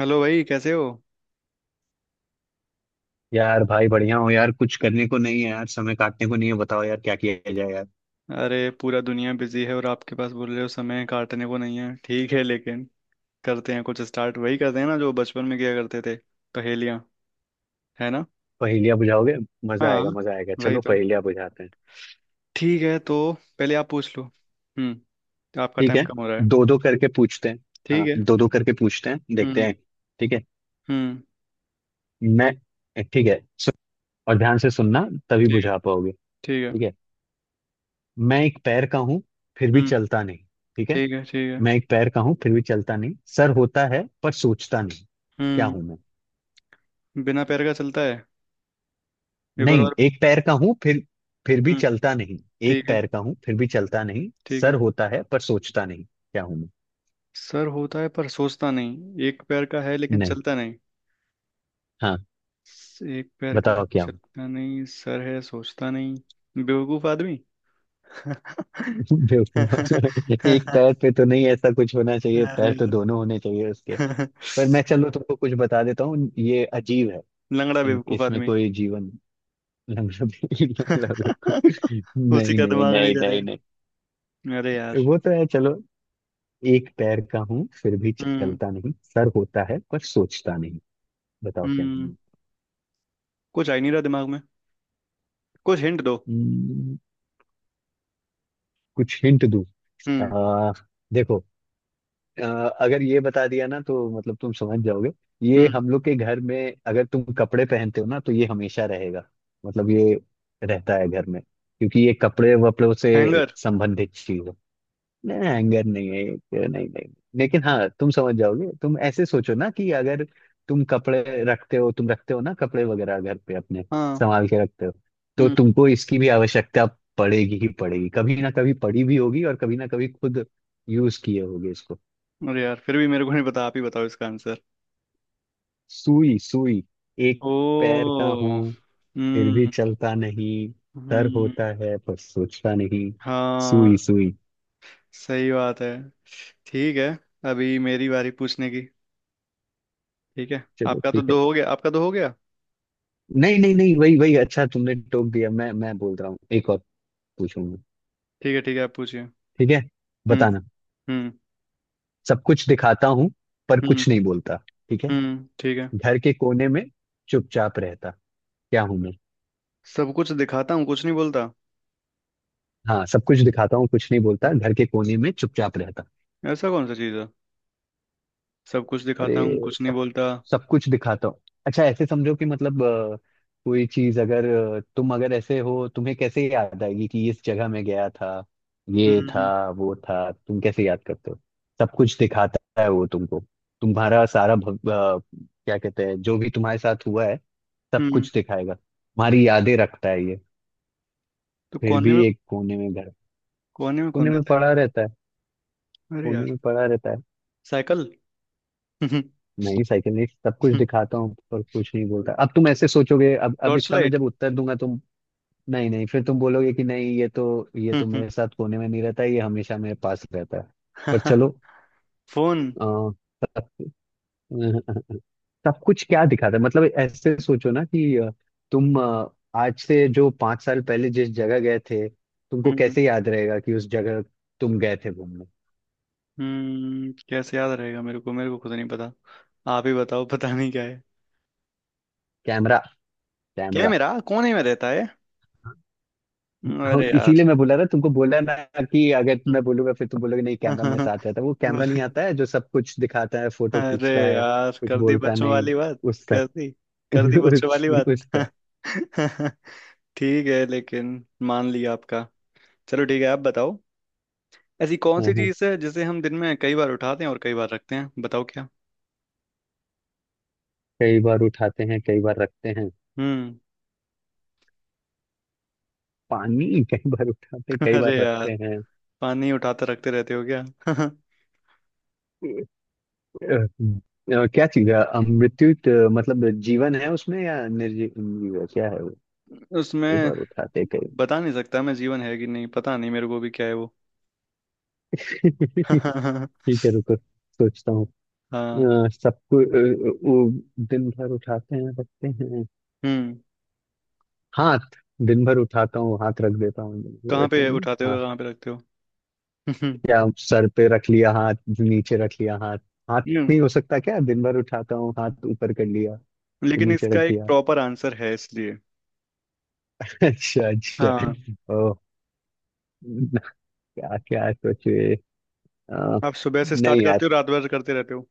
Hello भाई, कैसे हो? यार भाई बढ़िया हो यार। कुछ करने को नहीं है यार, समय काटने को नहीं है। बताओ यार क्या किया जाए यार। अरे पूरा दुनिया बिजी है और आपके पास बोल रहे हो समय काटने को नहीं है। ठीक है लेकिन करते हैं कुछ स्टार्ट। वही करते हैं ना जो बचपन में किया करते थे। पहेलियाँ। है ना? पहेलियां बुझाओगे? मजा हाँ, आएगा, मजा आएगा। वही चलो तो। पहेलियां बुझाते हैं। ठीक है तो पहले आप पूछ लो। हम्म। आपका ठीक टाइम है, कम हो रहा है। दो दो करके पूछते हैं। ठीक हाँ, है। दो दो करके पूछते हैं, देखते हम्म। हैं। ठीक है। हम्म। मैं ठीक है सु- और ध्यान से सुनना, तभी ठीक है, बुझा पाओगे। ठीक है। ठीक है, मैं एक पैर का हूँ फिर भी हम्म। चलता नहीं। ठीक है, ठीक है, ठीक है। मैं एक पैर का हूँ फिर भी चलता नहीं, सर होता है पर सोचता नहीं। क्या हम्म। हूं मैं? बिना पैर का चलता है। एक और नहीं, बार। एक पैर का हूं फिर भी हम्म। चलता नहीं। एक ठीक है, पैर का हूं फिर भी चलता नहीं, ठीक सर है। होता है पर सोचता नहीं, क्या हूं मैं? सर होता है पर सोचता नहीं, एक पैर का है लेकिन नहीं। चलता नहीं। हाँ, एक पैर का है, बताओ क्या हूं। चलता नहीं, सर है, सोचता नहीं, बेवकूफ आदमी। बेवकूफ। एक अरे, पैर पे तो नहीं, ऐसा कुछ होना चाहिए, पैर तो दोनों होने चाहिए उसके। पर मैं चलो तुमको कुछ बता देता हूँ, ये अजीब है। लंगड़ा बेवकूफ इसमें आदमी। कोई जीवन। लग रहा बेवकूफ। उसी नहीं का नहीं दिमाग नहीं नहीं नहीं चलेगा। नहीं अरे यार। वो तो है, चलो। एक पैर का हूं फिर भी हम्म। चलता नहीं, सर होता है पर सोचता नहीं, बताओ क्या हम्म। हूं। कुछ आ ही नहीं रहा दिमाग में। कुछ हिंट दो। हम्म, कुछ हिंट दूँ? हम्म। आ, देखो। आ, अगर ये बता दिया ना तो मतलब तुम समझ जाओगे। ये हम्म। हम लोग के घर में, अगर तुम कपड़े पहनते हो ना तो ये हमेशा रहेगा। मतलब ये रहता है घर में, क्योंकि ये कपड़े वपड़ों से हैंगर। संबंधित चीज है। नहीं, एंगर नहीं है, एक नहीं नहीं नहीं। लेकिन हाँ, तुम समझ जाओगे। तुम ऐसे सोचो ना कि अगर तुम कपड़े रखते हो, तुम रखते हो ना कपड़े वगैरह घर पे अपने, हाँ। संभाल के रखते हो, तो हम्म। तुमको इसकी भी आवश्यकता पड़ेगी ही पड़ेगी। कभी ना कभी पड़ी भी होगी, और कभी ना कभी खुद यूज किए होगे इसको। अरे यार, फिर भी मेरे को नहीं पता, आप ही बताओ इसका आंसर। सुई, सुई। एक पैर का ओ। हूं फिर भी हम्म। चलता नहीं, सर हम्म। होता है पर सोचता नहीं। सुई, हाँ। सुई। सही बात है। ठीक है। अभी मेरी बारी पूछने की। ठीक है, चलो आपका तो ठीक है। दो हो गया, आपका दो हो गया। नहीं नहीं नहीं, वही वही अच्छा तुमने टोक दिया। मैं बोल रहा हूँ, एक और पूछूंगी। ठीक है, ठीक है, आप पूछिए। ठीक है, हम्म। बताना। हम्म। सब कुछ दिखाता हूँ पर हम्म। कुछ नहीं बोलता। ठीक है। हम्म। ठीक है। घर के कोने में चुपचाप रहता। क्या हूं मैं? सब कुछ दिखाता हूँ कुछ नहीं बोलता। हाँ, सब कुछ दिखाता हूँ कुछ नहीं बोलता, घर के कोने में चुपचाप रहता। ऐसा कौन सा चीज़ है? सब कुछ अरे, दिखाता हूँ कुछ नहीं सब बोलता। सब कुछ दिखाता हूँ। अच्छा, ऐसे समझो कि मतलब कोई चीज अगर, तुम अगर ऐसे हो, तुम्हें कैसे याद आएगी कि इस जगह में गया था, ये था, हम्म। वो था, तुम कैसे याद करते हो? सब कुछ दिखाता है वो तुमको। तुम्हारा सारा भव- अ, क्या कहते हैं, जो भी तुम्हारे साथ हुआ है सब हम्म। कुछ दिखाएगा, तुम्हारी यादें रखता है ये। तो फिर कोने भी में। एक कोने में घर, कोने में कोने कौन में रहता है? पड़ा रहता है, अरे कोने यार। में पड़ा रहता है। साइकिल। नहीं साइकिल, सब कुछ दिखाता हूँ पर कुछ नहीं बोलता। अब तुम ऐसे सोचोगे, अब टॉर्च इसका मैं लाइट। जब उत्तर दूंगा तुम। नहीं नहीं, फिर तुम बोलोगे कि नहीं ये तो मेरे साथ कोने में नहीं रहता, ये हमेशा मेरे पास रहता है, पर चलो। फोन। अ, सब, सब कुछ क्या दिखाता है, मतलब ऐसे सोचो ना कि तुम आज से जो पांच साल पहले जिस जगह गए थे, तुमको हम्म। कैसे याद रहेगा कि उस जगह तुम गए थे घूमने? हम्म। कैसे याद रहेगा मेरे को खुद नहीं पता, आप ही बताओ पता नहीं क्या। कैमरा, क्या है कैमरा। मेरा कौन ही में रहता है। हाँ, अरे यार। इसीलिए मैं बोला था तुमको, बोला ना कि अगर मैं बोलूंगा फिर तुम बोलोगे नहीं कैमरा मेरे साथ रहता है। वो कैमरा नहीं, आता है जो सब कुछ दिखाता है, फोटो अरे खींचता है, यार, कुछ कर दी बोलता बच्चों नहीं। वाली बात। उस कर तक। दी कर दी बच्चों उस वाली बात। उस तक। ठीक है लेकिन। मान लिया आपका। चलो ठीक है, आप बताओ। ऐसी कौन हाँ सी हाँ, चीज है जिसे हम दिन में कई बार उठाते हैं और कई बार रखते हैं? बताओ क्या। कई बार उठाते हैं कई बार रखते हैं। हम्म। पानी, कई बार उठाते हैं कई बार अरे यार, रखते हैं। पानी उठाते रखते रहते हो क्या? क्या चीज है, मृत्यु तो, मतलब जीवन है उसमें या निर्जीव क्या है वो? कई उसमें बार उठाते कई। बता नहीं सकता मैं, जीवन है कि नहीं पता नहीं, मेरे को भी क्या है वो। हाँ। ठीक है, रुको सोचता हूँ। सबको वो दिन भर उठाते हैं रखते हैं। हम्म। हाथ, दिन भर उठाता हूँ हाथ रख देता हूँ, मतलब कहाँ ऐसे पे है उठाते ना हाथ। हो, कहाँ पे रखते हो? क्या सर पे रख लिया हाथ, नीचे रख लिया हाथ। हाथ हम्म। नहीं हो सकता क्या? दिन भर उठाता हूँ हाथ ऊपर कर लिया, फिर लेकिन नीचे इसका रख एक दिया। प्रॉपर आंसर है, इसलिए। अच्छा अच्छा। हाँ। ओ, क्या, क्या सोचे? अ, आप सुबह से स्टार्ट नहीं करते यार, हो, रात भर करते रहते हो।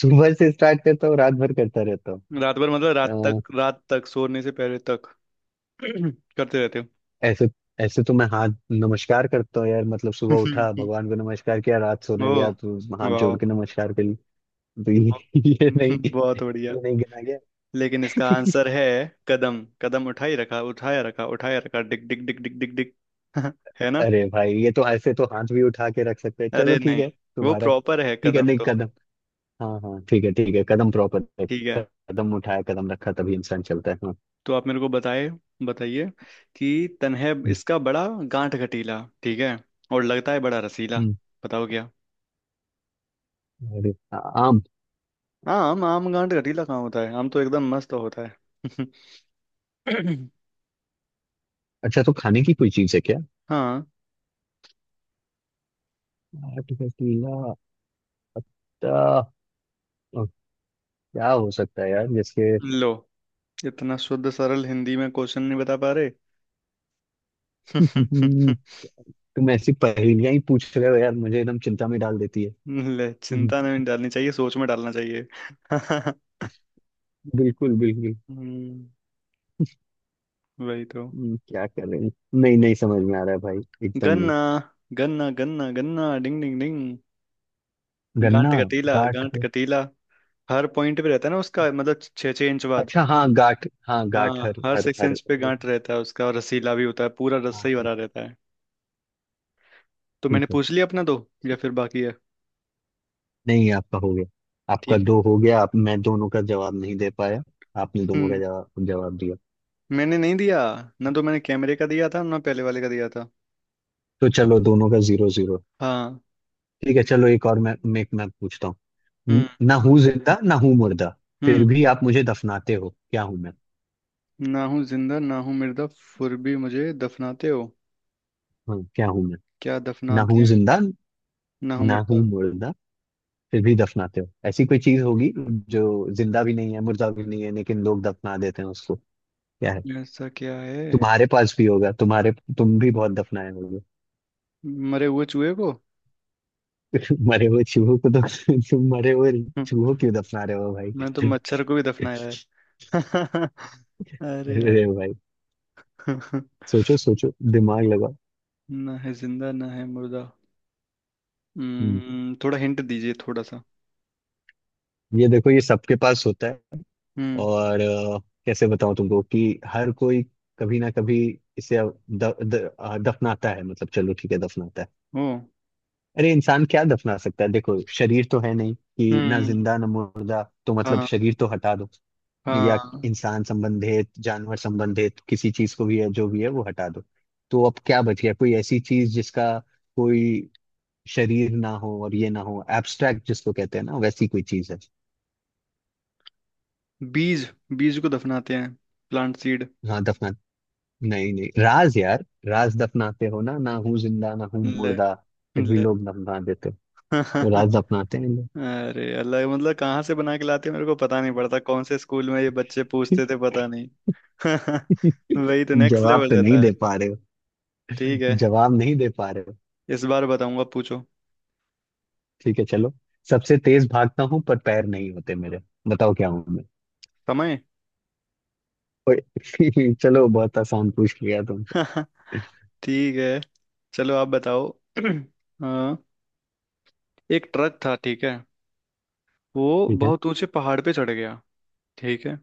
सुबह से स्टार्ट करता हूँ रात भर करता रहता रात भर मतलब, रात हूँ। तक, रात तक सोने से पहले तक करते रहते ऐसे ऐसे तो मैं हाथ नमस्कार करता हूँ यार, मतलब सुबह हो। उठा भगवान को नमस्कार किया, रात सोने गया तो ओ। हाथ जोड़ वाह। के नमस्कार कर ली। तो ये, ये नहीं, बहुत बढ़िया। ये नहीं गिना गया। लेकिन इसका आंसर है। कदम कदम, उठाई रखा उठाया रखा, उठाया रखा, डिक डिक डिक डिक डिक डिक। है ना? अरे भाई, ये तो ऐसे तो हाथ भी उठा के रख सकते हैं। चलो अरे ठीक नहीं, है वो तुम्हारा। प्रॉपर है, ठीक है, कदम नहीं तो। कदम। हाँ हाँ, ठीक है ठीक है, कदम प्रॉपर है। ठीक है। कदम उठाया कदम रखा तभी इंसान चलता है, हाँ। तो आप मेरे को बताए, बताइए कि तन्हे हम्म, इसका बड़ा गांठ घटीला, ठीक है, और लगता है बड़ा रसीला। हम्म, बताओ क्या। अरे आ- आम। आम? आम गांठ घटीला कहाँ होता है? आम तो एकदम मस्त होता है। अच्छा, तो खाने की कोई चीज है क्या? हाँ। आठ का केला, ता- ओ, क्या हो सकता है यार जिसके। लो, इतना शुद्ध सरल हिंदी में क्वेश्चन नहीं बता पा रहे। तुम ऐसी पहेलियां ही पूछ रहे हो यार, मुझे एकदम चिंता में डाल देती है। ले, हम्म, चिंता नहीं डालनी चाहिए, सोच में डालना चाहिए। बिल्कुल बिल्कुल। हम्म। वही तो। क्या कर रहे हैं? नहीं नहीं समझ में आ रहा है भाई, एकदम नहीं। गन्ना, गन्ना, गन्ना, गन्ना, डिंग डिंग डिंग। गन्ना, गांठ कटीला, गाठ गांठ है। कटीला, हर पॉइंट पे रहता है ना उसका, मतलब छः छः इंच बाद। अच्छा हाँ, गाठ, हाँ गाठ, हाँ, हर हर हर सिक्स हर इंच पे हर। गांठ रहता है उसका और रसीला भी होता है, पूरा हाँ रस्सा ही ठीक। भरा रहता है। तो ठीक मैंने है, पूछ लिया अपना दो, या फिर बाकी है? नहीं आपका हो गया। आपका ठीक है। दो हो गया, आप मैं दोनों का जवाब नहीं दे पाया। आपने दोनों का हम्म। जवाब जवाब दिया। मैंने नहीं दिया, ना तो मैंने कैमरे का दिया था, ना पहले वाले का दिया था। तो चलो दोनों का जीरो जीरो। हाँ। ठीक है, चलो एक और मैं पूछता हूँ। हम्म। ना हूँ जिंदा, ना हूँ मुर्दा, हम्म। फिर भी आप मुझे दफनाते हो। क्या हूँ मैं? ना हूँ जिंदा, ना हूँ मुर्दा, फिर भी मुझे दफनाते हो? हाँ, क्या हूँ मैं? क्या ना दफनाते हूँ हैं? जिंदा, ना हूँ ना हूँ मुर्दा। मुर्दा, फिर भी दफनाते हो। ऐसी कोई चीज होगी जो जिंदा भी नहीं है, मुर्दा भी नहीं है, लेकिन लोग दफना देते हैं उसको। क्या है? ऐसा क्या है? तुम्हारे पास भी होगा, तुम भी बहुत दफनाए होगे। मरे हुए चूहे को। मरे हुए चूहों को तो, तुम मरे हुए हम्म। चूहों क्यों दफना रहे हो मैं भाई? तो मच्छर को भी दफनाया है। अरे यार। अरे भाई, सोचो सोचो दिमाग लगाओ। ना है जिंदा, ना है मुर्दा। हम्म, हम्म, थोड़ा हिंट दीजिए थोड़ा सा। ये देखो, ये सबके पास होता है। हम्म। और कैसे बताऊं तुमको कि हर कोई कभी ना कभी इसे द, द, अ, दफनाता है, मतलब चलो ठीक है दफनाता है। ओ। अरे, इंसान क्या दफना सकता है? देखो, शरीर तो है नहीं कि ना हम्म। जिंदा ना मुर्दा, तो मतलब हाँ। शरीर तो हटा दो। या हाँ। इंसान संबंधित, जानवर संबंधित किसी चीज को, भी है जो भी है वो हटा दो। तो अब क्या बच गया? कोई ऐसी चीज जिसका कोई शरीर ना हो और ये ना हो, एब्स्ट्रैक्ट जिसको कहते हैं ना, वैसी कोई चीज है। बीज। बीज को दफनाते हैं। Plant seed. हाँ दफना नहीं नहीं, राज यार, राज दफनाते हो ना। ना हूँ जिंदा, ना हूँ ले। मुर्दा, फिर भी ले। लोग दफना देते हो, राज दफनाते हैं लोग। अरे अल्लाह, मतलब कहाँ से बना के लाते हैं मेरे को पता नहीं पड़ता, कौन से स्कूल में ये बच्चे पूछते थे पता नहीं। वही तो, नेक्स्ट जवाब लेवल तो नहीं रहता है। दे पा रहे हो, ठीक है, जवाब नहीं दे पा रहे हो। इस बार बताऊंगा, पूछो। ठीक है चलो। सबसे तेज भागता हूँ पर पैर नहीं होते मेरे, बताओ क्या हूँ मैं? समय। ओए, चलो बहुत आसान पूछ लिया तुमसे। ठीक है। चलो आप बताओ। हाँ, एक ट्रक था, ठीक है, वो ठीक है। बहुत ऊंचे पहाड़ पे चढ़ गया, ठीक है,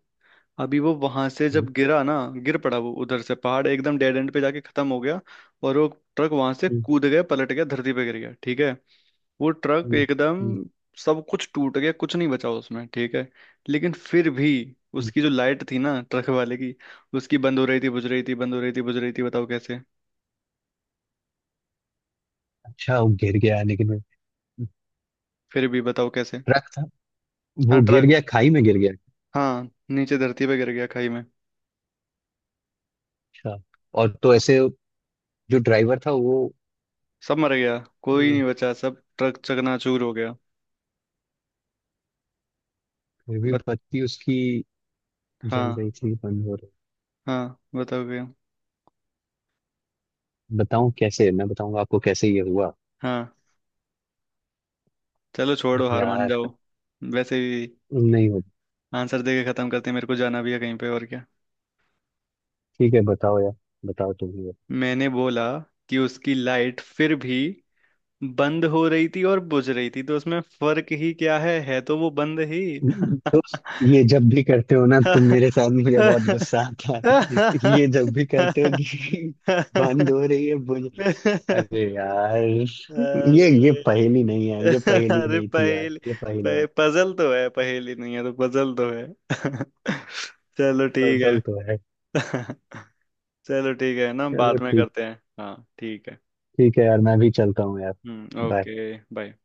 अभी वो वहां से हम्म, जब गिरा ना, गिर पड़ा, वो उधर से पहाड़ एकदम डेड एंड पे जाके खत्म हो गया और वो ट्रक वहां से हम्म, कूद गया, पलट गया, धरती पे गिर गया, ठीक है, वो ट्रक हम्म, एकदम हम्म, सब कुछ टूट गया, कुछ नहीं बचा उसमें, ठीक है, लेकिन फिर भी हम्म। उसकी जो लाइट थी ना ट्रक वाले की, उसकी बंद हो रही थी, बुझ रही थी, बंद हो रही थी, बुझ रही थी, बताओ कैसे? अच्छा, वो गिर गया लेकिन फिर भी बताओ कैसे? ट्रक था, हाँ, वो गिर ट्रक। गया खाई में गिर गया। हाँ, नीचे धरती पे गिर गया खाई में। अच्छा, और तो हाँ, ऐसे जो ड्राइवर था वो, सब मर गया, कोई अ, नहीं बचा, सब ट्रक चकनाचूर हो गया। फिर भी बत बत्ती उसकी जल हाँ। रही थी बंद हो रही। हाँ, बताओगे? बताऊं कैसे, मैं बताऊंगा आपको कैसे ये हुआ। हाँ, चलो छोड़ो, हार मान यार, जाओ। वैसे भी नहीं हो। आंसर दे के खत्म करते हैं, मेरे को जाना भी है कहीं पे और क्या। ठीक है, बताओ यार, बताओ तुम। मैंने बोला कि उसकी लाइट फिर भी बंद हो रही थी और बुझ रही थी, तो उसमें फर्क ही क्या है तो वो बंद ही। दोस्त, ये जब भी करते हो ना तुम मेरे साथ मुझे बहुत गुस्सा आता है। ये जब भी करते हो कि बंद हो रही है मुझे, अरे यार। ये अरे। पहेली नहीं है, ये पहेली अरे नहीं थी यार, पहेली, ये पहेली। पजल तो है, पहेली नहीं है तो, पजल तो है। चलो ठीक है। पजल तो है। चलो ठीक है ना, चलो बाद में ठीक, करते हैं, हाँ ठीक है। ठीक है यार, मैं भी चलता हूँ यार। हम्म, बाय। Okay, bye.